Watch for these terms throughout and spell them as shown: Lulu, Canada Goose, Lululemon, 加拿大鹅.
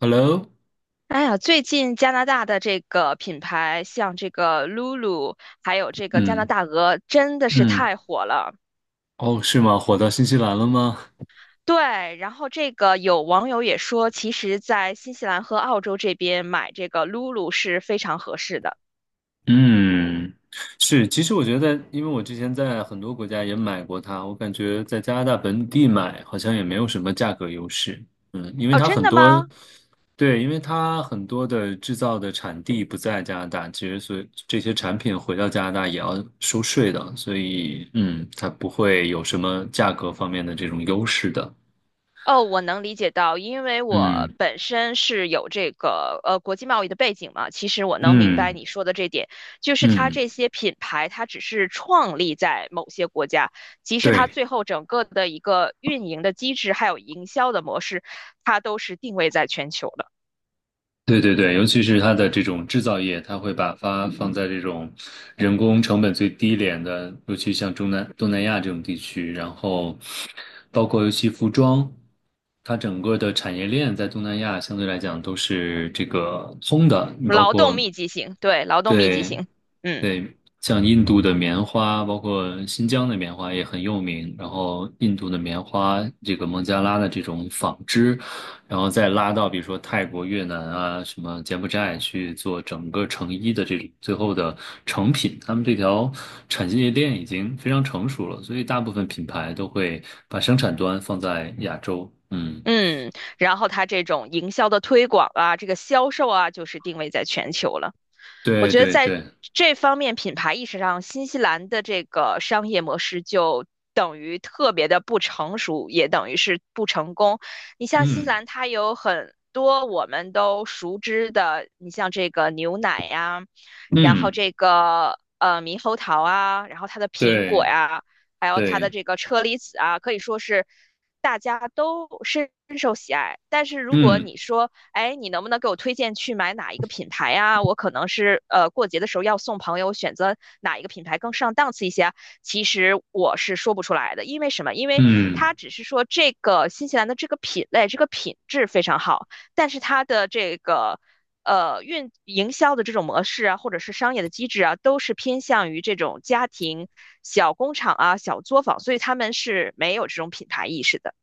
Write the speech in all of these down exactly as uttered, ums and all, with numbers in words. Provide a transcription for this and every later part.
Hello,哎呀，最近加拿大的这个品牌，像这个 Lulu，还有这个加拿嗯大鹅，真的是嗯，太火了。哦，是吗？火到新西兰了吗？对，然后这个有网友也说，其实，在新西兰和澳洲这边买这个 Lulu 是非常合适的。嗯，是。其实我觉得在，因为我之前在很多国家也买过它，我感觉在加拿大本地买好像也没有什么价格优势。嗯，因为哦，它真很的多，吗？对，因为它很多的制造的产地不在加拿大，其实所以这些产品回到加拿大也要收税的，所以嗯，它不会有什么价格方面的这种优势的。哦，我能理解到，因为我嗯本身是有这个呃国际贸易的背景嘛，其实我能明白嗯你说的这点，就是它嗯，这些品牌，它只是创立在某些国家，即使它对。最后整个的一个运营的机制还有营销的模式，它都是定位在全球的。对对对，尤其是它的这种制造业，它会把发放在这种人工成本最低廉的，尤其像中南东南亚这种地区，然后包括尤其服装，它整个的产业链在东南亚相对来讲都是这个通的，你包劳动括密集型，对，劳动密集对型，嗯。对，像印度的棉花，包括新疆的棉花也很有名。然后印度的棉花，这个孟加拉的这种纺织，然后再拉到比如说泰国、越南啊，什么柬埔寨去做整个成衣的这种最后的成品，他们这条产业链已经非常成熟了，所以大部分品牌都会把生产端放在亚洲。嗯，嗯，然后它这种营销的推广啊，这个销售啊，就是定位在全球了。我对觉得对在对，这方面品牌意识上，新西兰的这个商业模式就等于特别的不成熟，也等于是不成功。你像新西嗯兰，它有很多我们都熟知的，你像这个牛奶呀，然后嗯，这个呃猕猴桃啊，然后它的苹果对呀，还有它的对，这个车厘子啊，可以说是大家都深受喜爱。但是如果嗯你说，哎，你能不能给我推荐去买哪一个品牌呀？我可能是呃过节的时候要送朋友，选择哪一个品牌更上档次一些啊，其实我是说不出来的。因为什么？因为嗯。它只是说这个新西兰的这个品类、这个品质非常好，但是它的这个呃，运营销的这种模式啊，或者是商业的机制啊，都是偏向于这种家庭小工厂啊、小作坊，所以他们是没有这种品牌意识的。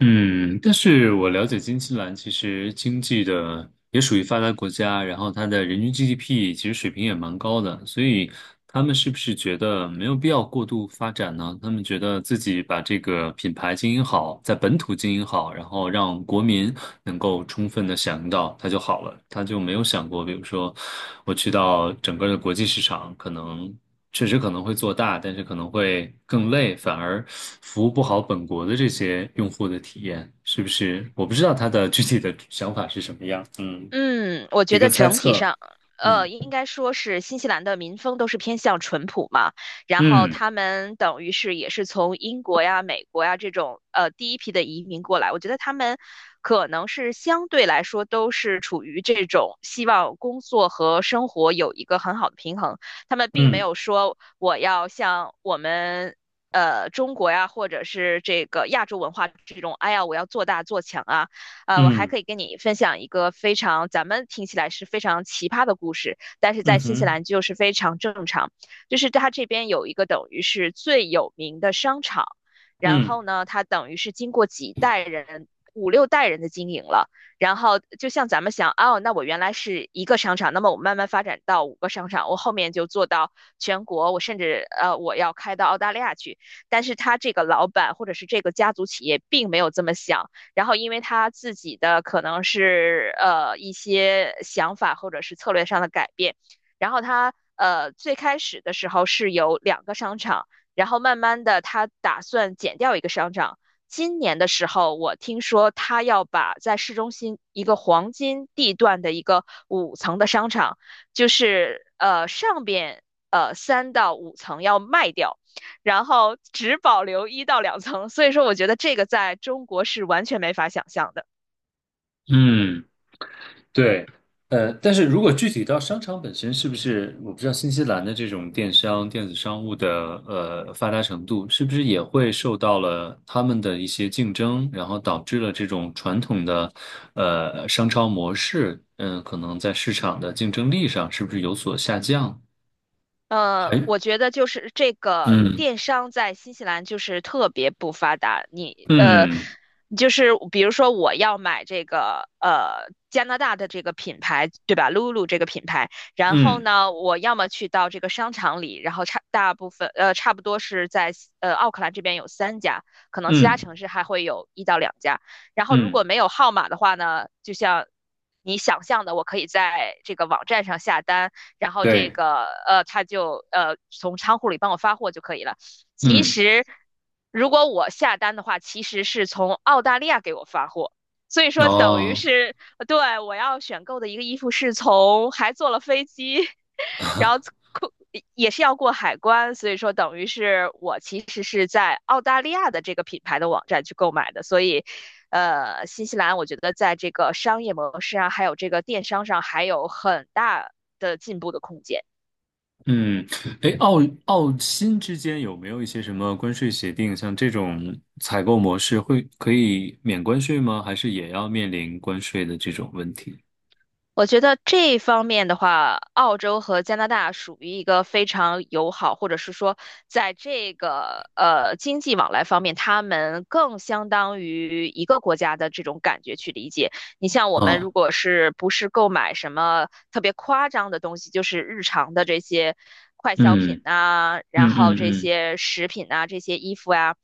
嗯，但是我了解新西兰其实经济的也属于发达国家，然后它的人均 G D P 其实水平也蛮高的，所以他们是不是觉得没有必要过度发展呢？他们觉得自己把这个品牌经营好，在本土经营好，然后让国民能够充分的享用到它就好了，他就没有想过，比如说我去到整个的国际市场，可能。确实可能会做大，但是可能会更累，反而服务不好本国的这些用户的体验，是不是？我不知道他的具体的想法是什么样，嗯，嗯，我一觉个得猜整体测，上，嗯呃，应该说是新西兰的民风都是偏向淳朴嘛。然后嗯他们等于是也是从英国呀、美国呀这种呃第一批的移民过来，我觉得他们可能是相对来说都是处于这种希望工作和生活有一个很好的平衡，他们并没嗯有说我要像我们呃，中国呀，或者是这个亚洲文化这种，哎呀，我要做大做强啊。呃，我还嗯可以跟你分享一个非常咱们听起来是非常奇葩的故事，但是嗯在新西哼，兰就是非常正常。就是它这边有一个等于是最有名的商场，然嗯后呢，它等于是经过几代人，五六代人的经营了。然后就像咱们想，哦，那我原来是一个商场，那么我慢慢发展到五个商场，我后面就做到全国，我甚至呃我要开到澳大利亚去。但是他这个老板或者是这个家族企业并没有这么想，然后因为他自己的可能是呃一些想法或者是策略上的改变，然后他呃最开始的时候是有两个商场，然后慢慢的他打算减掉一个商场。今年的时候，我听说他要把在市中心一个黄金地段的一个五层的商场，就是呃上边呃三到五层要卖掉，然后只保留一到两层。所以说，我觉得这个在中国是完全没法想象的。嗯。对，呃，但是如果具体到商场本身，是不是我不知道新西兰的这种电商、电子商务的呃发达程度，是不是也会受到了他们的一些竞争，然后导致了这种传统的呃商超模式，嗯、可能在市场的竞争力上是不是有所下降？还，呃，我觉得就是这个嗯电商在新西兰就是特别不发达。你呃，嗯就是比如说我要买这个呃加拿大的这个品牌，对吧？Lulu 这个品牌。然后嗯呢，我要么去到这个商场里，然后差大部分呃差不多是在呃奥克兰这边有三家，可能其他嗯城市还会有一到两家。然后如嗯，果没有号码的话呢，就像你想象的，我可以在这个网站上下单，然后这对，个呃他就呃从仓库里帮我发货就可以了。其嗯，实如果我下单的话，其实是从澳大利亚给我发货。所以说，等于哦。是对，我要选购的一个衣服是从还坐了飞机，然后过也是要过海关，所以说等于是我其实是在澳大利亚的这个品牌的网站去购买的。所以呃，新西兰我觉得在这个商业模式啊，还有这个电商上，还有很大的进步的空间。嗯，哎，澳澳新之间有没有一些什么关税协定？像这种采购模式会可以免关税吗？还是也要面临关税的这种问题？我觉得这一方面的话，澳洲和加拿大属于一个非常友好，或者是说，在这个呃经济往来方面，他们更相当于一个国家的这种感觉去理解。你像我们哦，如果是不是购买什么特别夸张的东西，就是日常的这些快消品嗯啊，然嗯后嗯这嗯，些食品啊，这些衣服呀，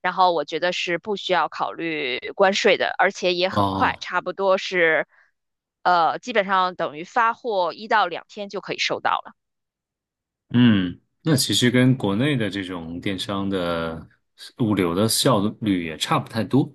然后我觉得是不需要考虑关税的，而且也很快，哦，差不多是呃，基本上等于发货一到两天就可以收到了。嗯，那其实跟国内的这种电商的物流的效率也差不太多。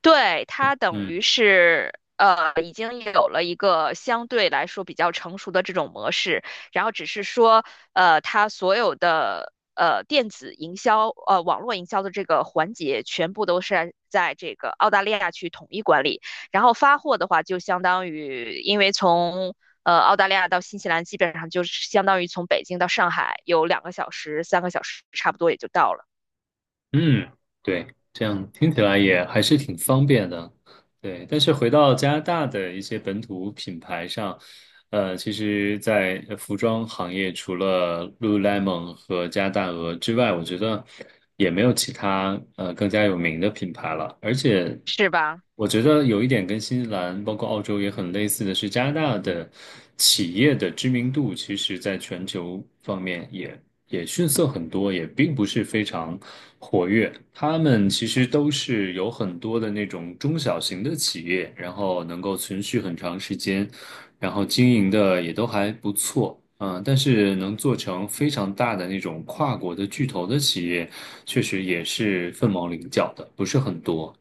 对，它等于嗯。是呃，已经有了一个相对来说比较成熟的这种模式。然后只是说呃，它所有的呃电子营销呃网络营销的这个环节，全部都是在这个澳大利亚去统一管理。然后发货的话，就相当于因为从呃澳大利亚到新西兰，基本上就是相当于从北京到上海有两个小时、三个小时，差不多也就到了，嗯，对，这样听起来也还是挺方便的，对。但是回到加拿大的一些本土品牌上，呃，其实，在呃服装行业，除了 Lululemon 和加拿大鹅之外，我觉得也没有其他呃更加有名的品牌了。而且是吧？我觉得有一点跟新西兰，包括澳洲也很类似的是，加拿大的企业的知名度，其实在全球方面也也逊色很多，也并不是非常活跃。他们其实都是有很多的那种中小型的企业，然后能够存续很长时间，然后经营的也都还不错。嗯，但是能做成非常大的那种跨国的巨头的企业，确实也是凤毛麟角的，不是很多。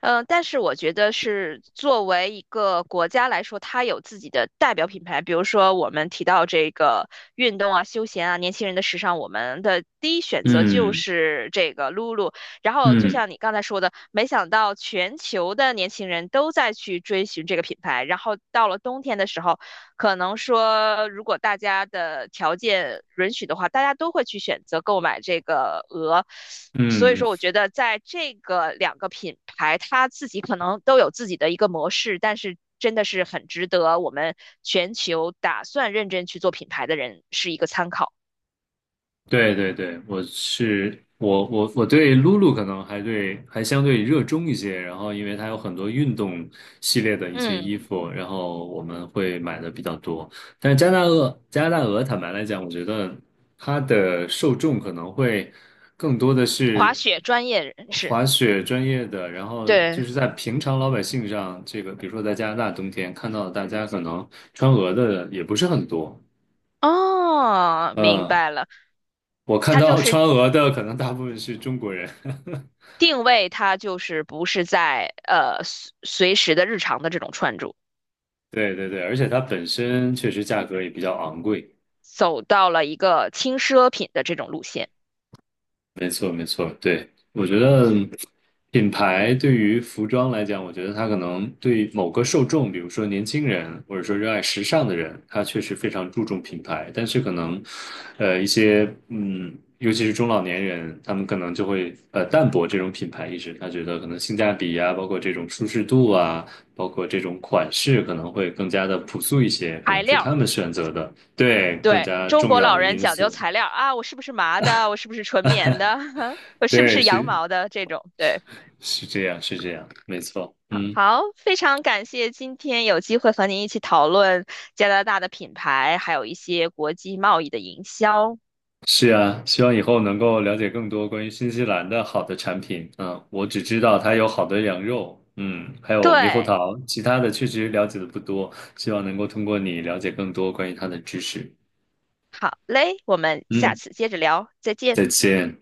嗯，呃但是我觉得是作为一个国家来说，它有自己的代表品牌。比如说，我们提到这个运动啊、休闲啊、年轻人的时尚，我们的第一选择就嗯。是这个 Lulu。然后，就嗯像你刚才说的，没想到全球的年轻人都在去追寻这个品牌。然后到了冬天的时候，可能说，如果大家的条件允许的话，大家都会去选择购买这个鹅。所以嗯，说，我觉得在这个两个品牌，它自己可能都有自己的一个模式，但是真的是很值得我们全球打算认真去做品牌的人是一个参考。对对对，我是我我我对露露可能还对还相对热衷一些，然后因为它有很多运动系列的一些嗯，衣服，然后我们会买的比较多。但是加拿大鹅加拿大鹅，坦白来讲，我觉得它的受众可能会更多的滑是雪专业人士，滑雪专业的，然后就对，是在平常老百姓上，这个比如说在加拿大冬天看到大家可能穿鹅的也不是很多，哦，明嗯。白了，我看它就到是川俄的可能大部分是中国人，定位，它就是不是在呃随随时的日常的这种穿着。对对对，而且它本身确实价格也比较昂贵。走到了一个轻奢品的这种路线。没错，没错，对，我觉得品牌对于服装来讲，我觉得它可能对某个受众，比如说年轻人，或者说热爱时尚的人，他确实非常注重品牌。但是可能，呃，一些嗯，尤其是中老年人，他们可能就会呃淡薄这种品牌意识，他觉得可能性价比啊，包括这种舒适度啊，包括这种款式，可能会更加的朴素一些，可材能是料，他们选择的，对，更对，加中重国要老的人因讲究素。材料啊，我是不是麻的？我是不是纯棉的？我是不对，是羊是毛的？这种，对。是这样，是这样，没错，好，嗯，好，非常感谢今天有机会和您一起讨论加拿大的品牌，还有一些国际贸易的营销。是啊，希望以后能够了解更多关于新西兰的好的产品。嗯，我只知道它有好的羊肉，嗯，还有猕猴对，桃，其他的确实了解的不多，希望能够通过你了解更多关于它的知识。好嘞，我们下嗯，次接着聊，再见。再见。